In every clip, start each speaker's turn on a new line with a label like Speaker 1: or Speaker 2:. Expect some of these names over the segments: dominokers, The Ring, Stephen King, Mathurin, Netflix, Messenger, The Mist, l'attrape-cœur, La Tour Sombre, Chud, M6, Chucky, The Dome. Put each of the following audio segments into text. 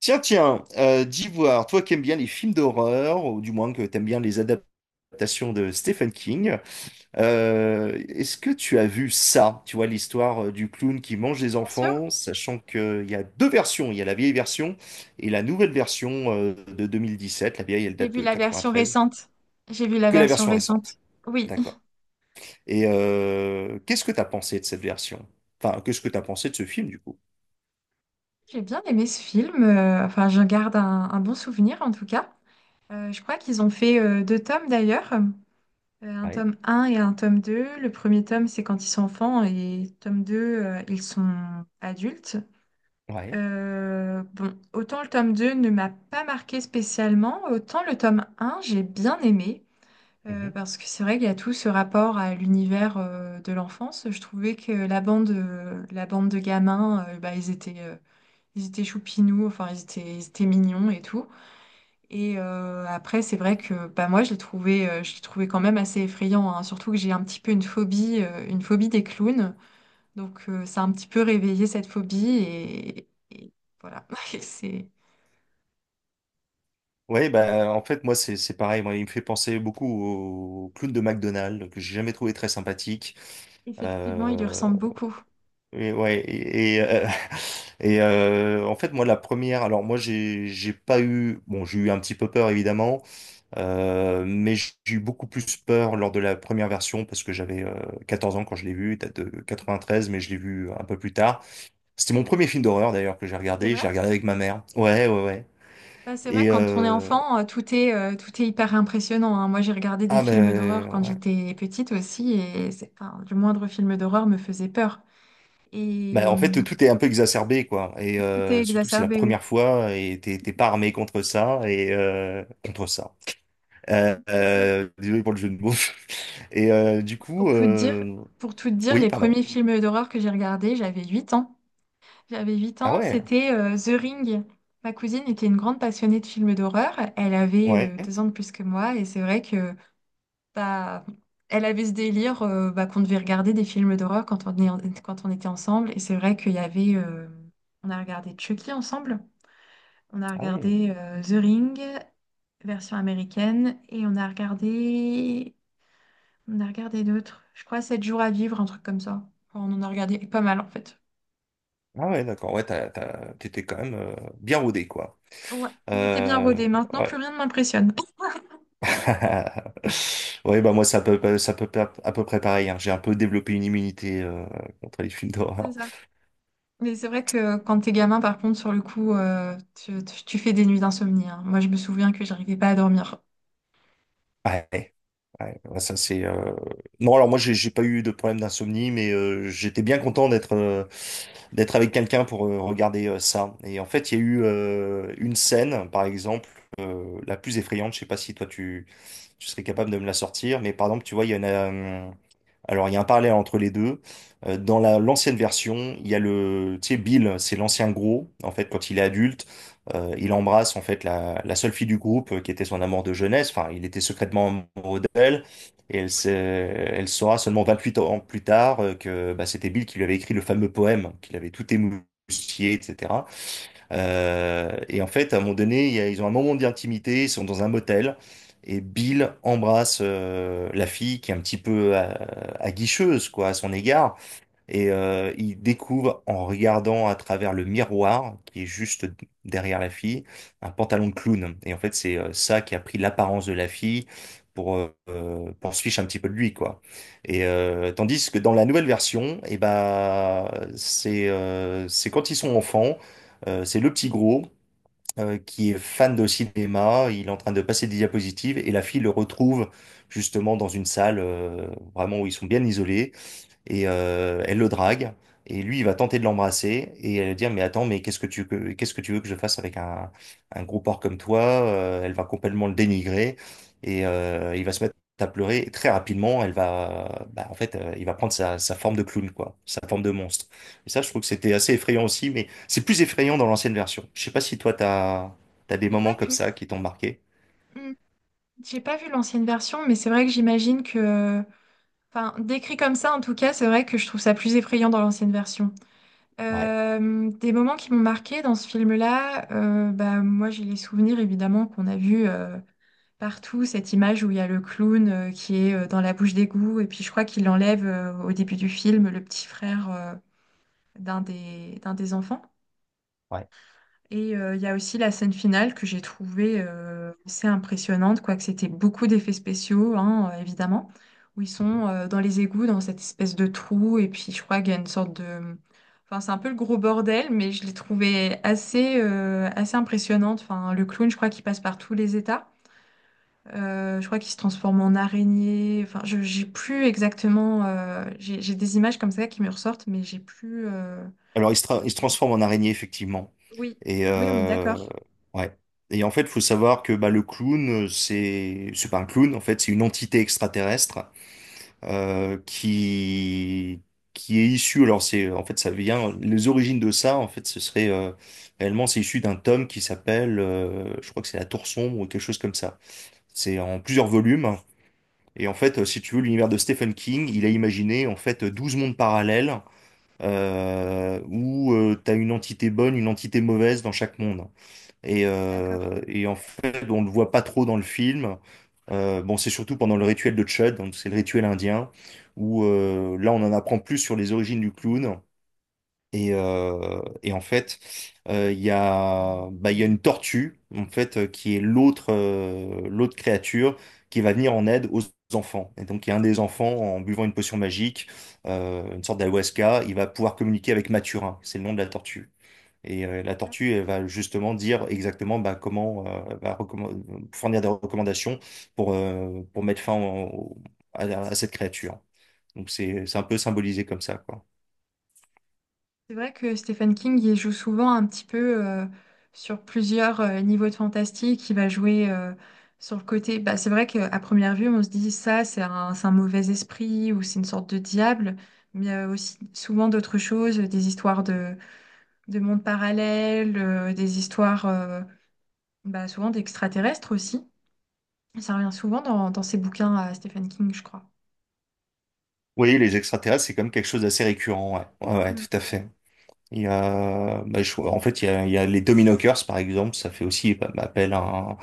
Speaker 1: Tiens, tiens, d'Ivoire, toi qui aimes bien les films d'horreur, ou du moins que t'aimes bien les adaptations de Stephen King, est-ce que tu as vu ça? Tu vois, l'histoire du clown qui mange des
Speaker 2: Sûr.
Speaker 1: enfants, sachant qu'il y a deux versions. Il y a la vieille version et la nouvelle version de sept. La vieille, elle
Speaker 2: J'ai
Speaker 1: date
Speaker 2: vu
Speaker 1: de
Speaker 2: la version
Speaker 1: 93.
Speaker 2: récente. J'ai vu la
Speaker 1: Que la
Speaker 2: version
Speaker 1: version
Speaker 2: récente.
Speaker 1: récente.
Speaker 2: Oui,
Speaker 1: D'accord. Et qu'est-ce que t'as pensé de cette version? Enfin, qu'est-ce que t'as pensé de ce film, du coup?
Speaker 2: j'ai bien aimé ce film. Enfin, je garde un bon souvenir en tout cas. Je crois qu'ils ont fait deux tomes d'ailleurs. Un
Speaker 1: Ouais,
Speaker 2: tome un et un tome 2. Le premier tome, c'est quand ils sont enfants, et tome 2 ils sont adultes.
Speaker 1: ouais.
Speaker 2: Bon, autant le tome 2 ne m'a pas marqué spécialement, autant le tome un j'ai bien aimé. Parce que c'est vrai qu'il y a tout ce rapport à l'univers de l'enfance. Je trouvais que la bande de gamins, bah, ils étaient choupinous, enfin ils étaient mignons et tout. Et après, c'est vrai que bah, moi, je les trouvais quand même assez effrayants, hein. Surtout que j'ai un petit peu une phobie des clowns. Donc ça a un petit peu réveillé cette phobie et voilà. Et c'est
Speaker 1: Ouais, bah, en fait, moi, c'est pareil. Moi, il me fait penser beaucoup au clown de McDonald's, que j'ai jamais trouvé très sympathique.
Speaker 2: effectivement, il lui
Speaker 1: Euh,
Speaker 2: ressemble beaucoup.
Speaker 1: et ouais, et, et, euh, en fait, moi, la première, alors moi, j'ai pas eu, bon, j'ai eu un petit peu peur, évidemment, mais j'ai eu beaucoup plus peur lors de la première version, parce que j'avais 14 ans quand je l'ai vu, date de 93, mais je l'ai vu un peu plus tard. C'était mon
Speaker 2: Oui,
Speaker 1: premier film d'horreur, d'ailleurs, que
Speaker 2: c'est vrai.
Speaker 1: j'ai regardé avec ma mère. Ouais, ouais, ouais.
Speaker 2: Bah, c'est vrai,
Speaker 1: Et,
Speaker 2: quand on est
Speaker 1: euh,
Speaker 2: enfant, tout est hyper impressionnant, hein. Moi, j'ai regardé des films d'horreur
Speaker 1: ben
Speaker 2: quand
Speaker 1: ouais.
Speaker 2: j'étais petite aussi, et enfin, le moindre film d'horreur me faisait peur. Et
Speaker 1: Bah, en fait, tout est un peu exacerbé, quoi. Et
Speaker 2: tout est
Speaker 1: surtout que c'est la
Speaker 2: exacerbé, oui.
Speaker 1: première fois et t'es pas armé contre ça et contre ça.
Speaker 2: C'est ça.
Speaker 1: Désolé pour le jeu de mots. Et
Speaker 2: Pour tout te dire, pour tout te dire,
Speaker 1: oui,
Speaker 2: les
Speaker 1: pardon.
Speaker 2: premiers films d'horreur que j'ai regardés, j'avais 8 ans. J'avais 8
Speaker 1: Ah
Speaker 2: ans,
Speaker 1: ouais,
Speaker 2: c'était The Ring. Ma cousine était une grande passionnée de films d'horreur. Elle avait
Speaker 1: ouais,
Speaker 2: deux ans de plus que moi, et c'est vrai que bah, elle avait ce délire bah, qu'on devait regarder des films d'horreur quand on était ensemble. Et c'est vrai qu'il y avait, on a regardé Chucky ensemble. On a
Speaker 1: ah oui,
Speaker 2: regardé The Ring, version américaine. Et on a regardé. On a regardé d'autres. Je crois 7 jours à vivre, un truc comme ça. Enfin, on en a regardé pas mal en fait.
Speaker 1: ah ouais, d'accord. Ouais, t'étais quand même bien rodé, quoi.
Speaker 2: Ouais, c'était bien
Speaker 1: Euh,
Speaker 2: rodé. Maintenant,
Speaker 1: ouais.
Speaker 2: plus rien ne m'impressionne.
Speaker 1: Ouais, bah moi, ça peut à peu près pareil, hein. J'ai un peu développé une immunité contre les films
Speaker 2: C'est
Speaker 1: d'horreur.
Speaker 2: ça. Mais c'est vrai que quand t'es gamin, par contre, sur le coup, tu fais des nuits d'insomnie, hein. Moi, je me souviens que j'arrivais pas à dormir.
Speaker 1: Ouais, ouais, ouais, ça c'est. Non, alors moi j'ai pas eu de problème d'insomnie, mais j'étais bien content d'être avec quelqu'un pour regarder ça. Et en fait, il y a eu une scène, par exemple, la plus effrayante. Je sais pas si toi tu serais capable de me la sortir, mais par exemple, tu vois, il y en a. Alors il y a un parallèle entre les deux. Dans la l'ancienne version, il y a le, tu sais, Bill, c'est l'ancien gros. En fait, quand il est adulte. Il embrasse en fait la seule fille du groupe qui était son amour de jeunesse. Enfin, il était secrètement amoureux d'elle et elle saura seulement 28 ans plus tard que bah, c'était Bill qui lui avait écrit le fameux poème, qu'il avait tout émoustillé, etc. Et en fait, à un moment donné, ils ont un moment d'intimité, ils sont dans un motel et Bill embrasse la fille qui est un petit peu aguicheuse quoi, à son égard. Et il découvre en regardant à travers le miroir qui est juste derrière la fille un pantalon de clown. Et en fait, c'est ça qui a pris l'apparence de la fille pour se fiche un petit peu de lui quoi. Et tandis que dans la nouvelle version, et ben c'est quand ils sont enfants, c'est le petit gros qui est fan de cinéma, il est en train de passer des diapositives et la fille le retrouve justement dans une salle vraiment où ils sont bien isolés et elle le drague et lui il va tenter de l'embrasser et elle va dire mais attends, mais qu'est-ce que tu veux que je fasse avec un gros porc comme toi. Elle va complètement le dénigrer et il va se mettre à pleurer et très rapidement elle va bah, en fait il va prendre sa forme de clown quoi, sa forme de monstre, et ça je trouve que c'était assez effrayant aussi, mais c'est plus effrayant dans l'ancienne version. Je sais pas si toi t'as des
Speaker 2: J'ai
Speaker 1: moments
Speaker 2: pas
Speaker 1: comme
Speaker 2: vu.
Speaker 1: ça qui t'ont marqué.
Speaker 2: Hmm. J'ai pas vu l'ancienne version, mais c'est vrai que j'imagine que, enfin, décrit comme ça, en tout cas, c'est vrai que je trouve ça plus effrayant dans l'ancienne version.
Speaker 1: Ouais,
Speaker 2: Des moments qui m'ont marqué dans ce film-là, bah moi j'ai les souvenirs évidemment qu'on a vu partout cette image où il y a le clown qui est dans la bouche d'égout, et puis je crois qu'il enlève au début du film le petit frère d'un des enfants.
Speaker 1: ouais.
Speaker 2: Et il y a aussi la scène finale que j'ai trouvée assez impressionnante, quoique c'était beaucoup d'effets spéciaux, hein, évidemment, où ils sont dans les égouts, dans cette espèce de trou, et puis je crois qu'il y a une sorte de… Enfin, c'est un peu le gros bordel, mais je l'ai trouvé assez impressionnante. Enfin, le clown, je crois qu'il passe par tous les états. Je crois qu'il se transforme en araignée. Enfin, j'ai plus exactement… j'ai des images comme ça qui me ressortent, mais j'ai plus…
Speaker 1: Alors, il se transforme en araignée, effectivement.
Speaker 2: oui,
Speaker 1: Et
Speaker 2: oui, on est d'accord.
Speaker 1: ouais. Et en fait, faut savoir que bah, le clown, c'est pas un clown, en fait, c'est une entité extraterrestre euh, qui qui est issue. Alors, c'est en fait, ça vient. Les origines de ça, en fait, ce serait réellement, c'est issu d'un tome qui s'appelle, je crois que c'est La Tour Sombre ou quelque chose comme ça. C'est en plusieurs volumes. Et en fait, si tu veux, l'univers de Stephen King, il a imaginé en fait 12 mondes parallèles où tu as une entité bonne, une entité mauvaise dans chaque monde.
Speaker 2: D'accord.
Speaker 1: Et en fait, on ne le voit pas trop dans le film. Bon, c'est surtout pendant le rituel de Chud, donc c'est le rituel indien, où là, on en apprend plus sur les origines du clown. Et en fait, il y a, bah, Il y a une tortue, en fait, qui est l'autre créature qui va venir en aide aux enfants. Et donc, il y a un des enfants, en buvant une potion magique, une sorte d'ayahuasca, il va pouvoir communiquer avec Mathurin, c'est le nom de la tortue. Et la tortue, elle va justement dire exactement bah, comment, fournir des recommandations pour mettre fin à cette créature. Donc, c'est un peu symbolisé comme ça, quoi.
Speaker 2: C'est vrai que Stephen King, il joue souvent un petit peu sur plusieurs niveaux de fantastique. Il va jouer sur le côté. Bah, c'est vrai qu'à première vue, on se dit ça, c'est c'est un mauvais esprit ou c'est une sorte de diable. Mais il y a aussi souvent d'autres choses, des histoires de mondes parallèles, des histoires bah, souvent d'extraterrestres aussi. Ça revient souvent dans ses bouquins à Stephen King, je crois.
Speaker 1: Oui, les extraterrestres, c'est quand même quelque chose d'assez récurrent, ouais. Ouais, ouais,
Speaker 2: Mm.
Speaker 1: tout à fait. Il y a, bah, je- en fait, il y a les dominokers, par exemple, ça fait aussi bah, appel à,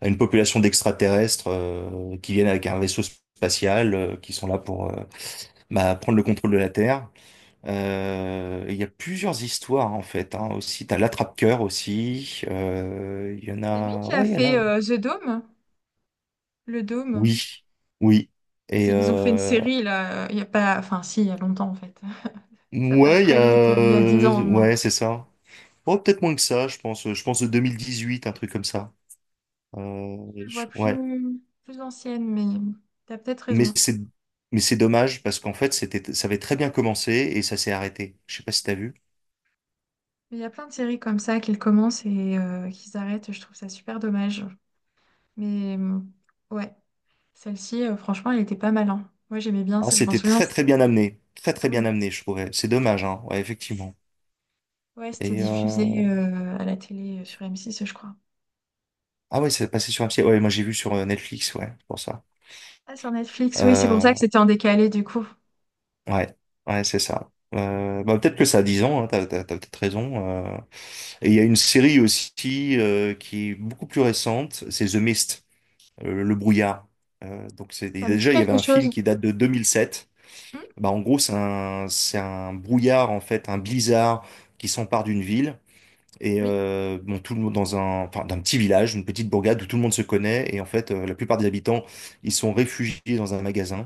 Speaker 1: à une population d'extraterrestres qui viennent avec un vaisseau spatial, qui sont là pour bah, prendre le contrôle de la Terre. Il y a plusieurs histoires en fait, hein, aussi, t'as l'attrape-cœur aussi. Il y en
Speaker 2: C'est lui
Speaker 1: a.
Speaker 2: qui a
Speaker 1: Ouais, il y en a,
Speaker 2: fait
Speaker 1: ouais.
Speaker 2: The Dome, le dôme.
Speaker 1: Oui, oui.
Speaker 2: C'est…
Speaker 1: Et
Speaker 2: Ils ont fait une série là, il y a pas, enfin si, il y a longtemps en fait. Ça passe
Speaker 1: Ouais, il y
Speaker 2: très
Speaker 1: a.
Speaker 2: vite, il y a dix ans
Speaker 1: Euh,
Speaker 2: au moins.
Speaker 1: ouais, c'est ça. Oh, peut-être moins que ça, je pense. Je pense de 2018, un truc comme ça. Euh,
Speaker 2: Je vois
Speaker 1: Ouais.
Speaker 2: plus, plus ancienne, mais t'as peut-être
Speaker 1: Mais
Speaker 2: raison.
Speaker 1: c'est. Mais c'est dommage parce qu'en fait, c'était. ça avait très bien commencé et ça s'est arrêté. Je sais pas si t'as vu.
Speaker 2: Mais il y a plein de séries comme ça qu'ils commencent et qu'ils arrêtent, je trouve ça super dommage. Mais euh, ouais, celle-ci, franchement, elle était pas mal, hein. Moi j'aimais bien,
Speaker 1: Ah,
Speaker 2: ça, je m'en
Speaker 1: c'était
Speaker 2: souviens.
Speaker 1: très très bien amené. Très très bien
Speaker 2: Oui,
Speaker 1: amené, je trouvais. C'est dommage, hein. Ouais, effectivement.
Speaker 2: ouais, c'était
Speaker 1: Et
Speaker 2: diffusé à la télé sur M6, je crois.
Speaker 1: Ah ouais, c'est passé sur un petit... Ouais, moi j'ai vu sur Netflix, ouais, c'est pour ça.
Speaker 2: Ah, sur Netflix, oui, c'est pour ça que
Speaker 1: Euh,
Speaker 2: c'était en décalé du coup.
Speaker 1: ouais, ouais, c'est ça. Bah, peut-être que ça a 10 ans, hein, t'as peut-être raison. Euh. Et il y a une série aussi qui est beaucoup plus récente, c'est The Mist, le brouillard. Donc c'est
Speaker 2: Ça me dit
Speaker 1: déjà, il y avait
Speaker 2: quelque
Speaker 1: un film
Speaker 2: chose.
Speaker 1: qui date de 2007.
Speaker 2: Hmm.
Speaker 1: Bah en gros c'est un, c'est un brouillard en fait, un blizzard qui s'empare d'une ville. Et
Speaker 2: Oui,
Speaker 1: bon, tout le monde dans un, enfin, d'un petit village, une petite bourgade où tout le monde se connaît. Et en fait, la plupart des habitants, ils sont réfugiés dans un magasin.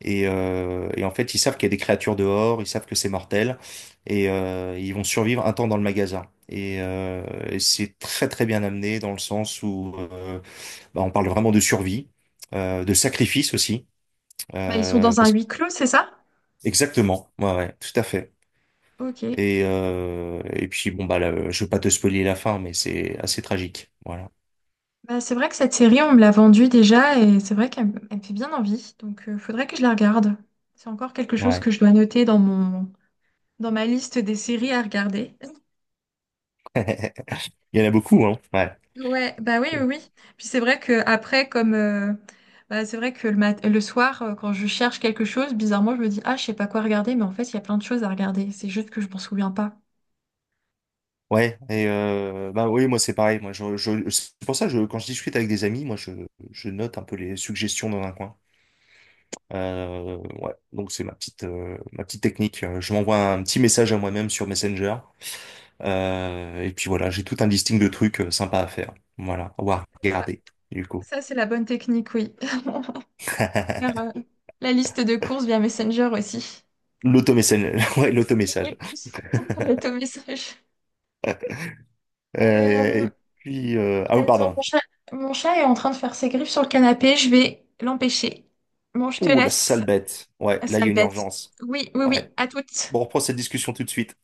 Speaker 1: Et en fait, ils savent qu'il y a des créatures dehors, ils savent que c'est mortel. Et ils vont survivre un temps dans le magasin. Et c'est très très bien amené dans le sens où bah, on parle vraiment de survie, de
Speaker 2: oui.
Speaker 1: sacrifice aussi.
Speaker 2: Bah, ils sont dans un
Speaker 1: Parce...
Speaker 2: huis clos, c'est ça?
Speaker 1: Exactement, ouais, ouais, tout à fait.
Speaker 2: Ok.
Speaker 1: Et puis bon bah là, je veux pas te spoiler la fin, mais c'est assez tragique. Voilà.
Speaker 2: Bah, c'est vrai que cette série, on me l'a vendue déjà et c'est vrai qu'elle me elle me fait bien envie. Donc, il faudrait que je la regarde. C'est encore quelque chose
Speaker 1: Ouais.
Speaker 2: que je dois noter dans ma liste des séries à regarder.
Speaker 1: Il y en a beaucoup, hein. Ouais.
Speaker 2: Ouais, bah oui, oui, oui. Puis c'est vrai que après, comme bah, c'est vrai que le soir, quand je cherche quelque chose, bizarrement, je me dis, ah, je sais pas quoi regarder, mais en fait, il y a plein de choses à regarder. C'est juste que je m'en souviens pas.
Speaker 1: Ouais. Et bah oui, moi c'est pareil. Moi, c'est pour ça que je, quand je discute avec des amis, moi je note un peu les suggestions dans un coin. Ouais. Donc c'est ma petite technique. Je m'envoie un petit message à moi-même sur Messenger. Et puis voilà, j'ai tout un listing de trucs sympas à faire. Voilà, ou à voir, regarder, du coup.
Speaker 2: Ça, c'est la bonne technique, oui. Faire, euh, la liste de courses via Messenger aussi.
Speaker 1: L'automessage, ouais, l'automessage.
Speaker 2: Oui. L'automessage. Euh,
Speaker 1: Ah oui,
Speaker 2: Attends,
Speaker 1: pardon.
Speaker 2: mon chat est en train de faire ses griffes sur le canapé. Je vais l'empêcher. Bon, je te
Speaker 1: Ouh, la
Speaker 2: laisse,
Speaker 1: sale bête. Ouais, là, il y
Speaker 2: sale
Speaker 1: a une
Speaker 2: bête.
Speaker 1: urgence.
Speaker 2: Oui, oui,
Speaker 1: Ouais.
Speaker 2: oui, à toutes.
Speaker 1: Bon, on reprend cette discussion tout de suite.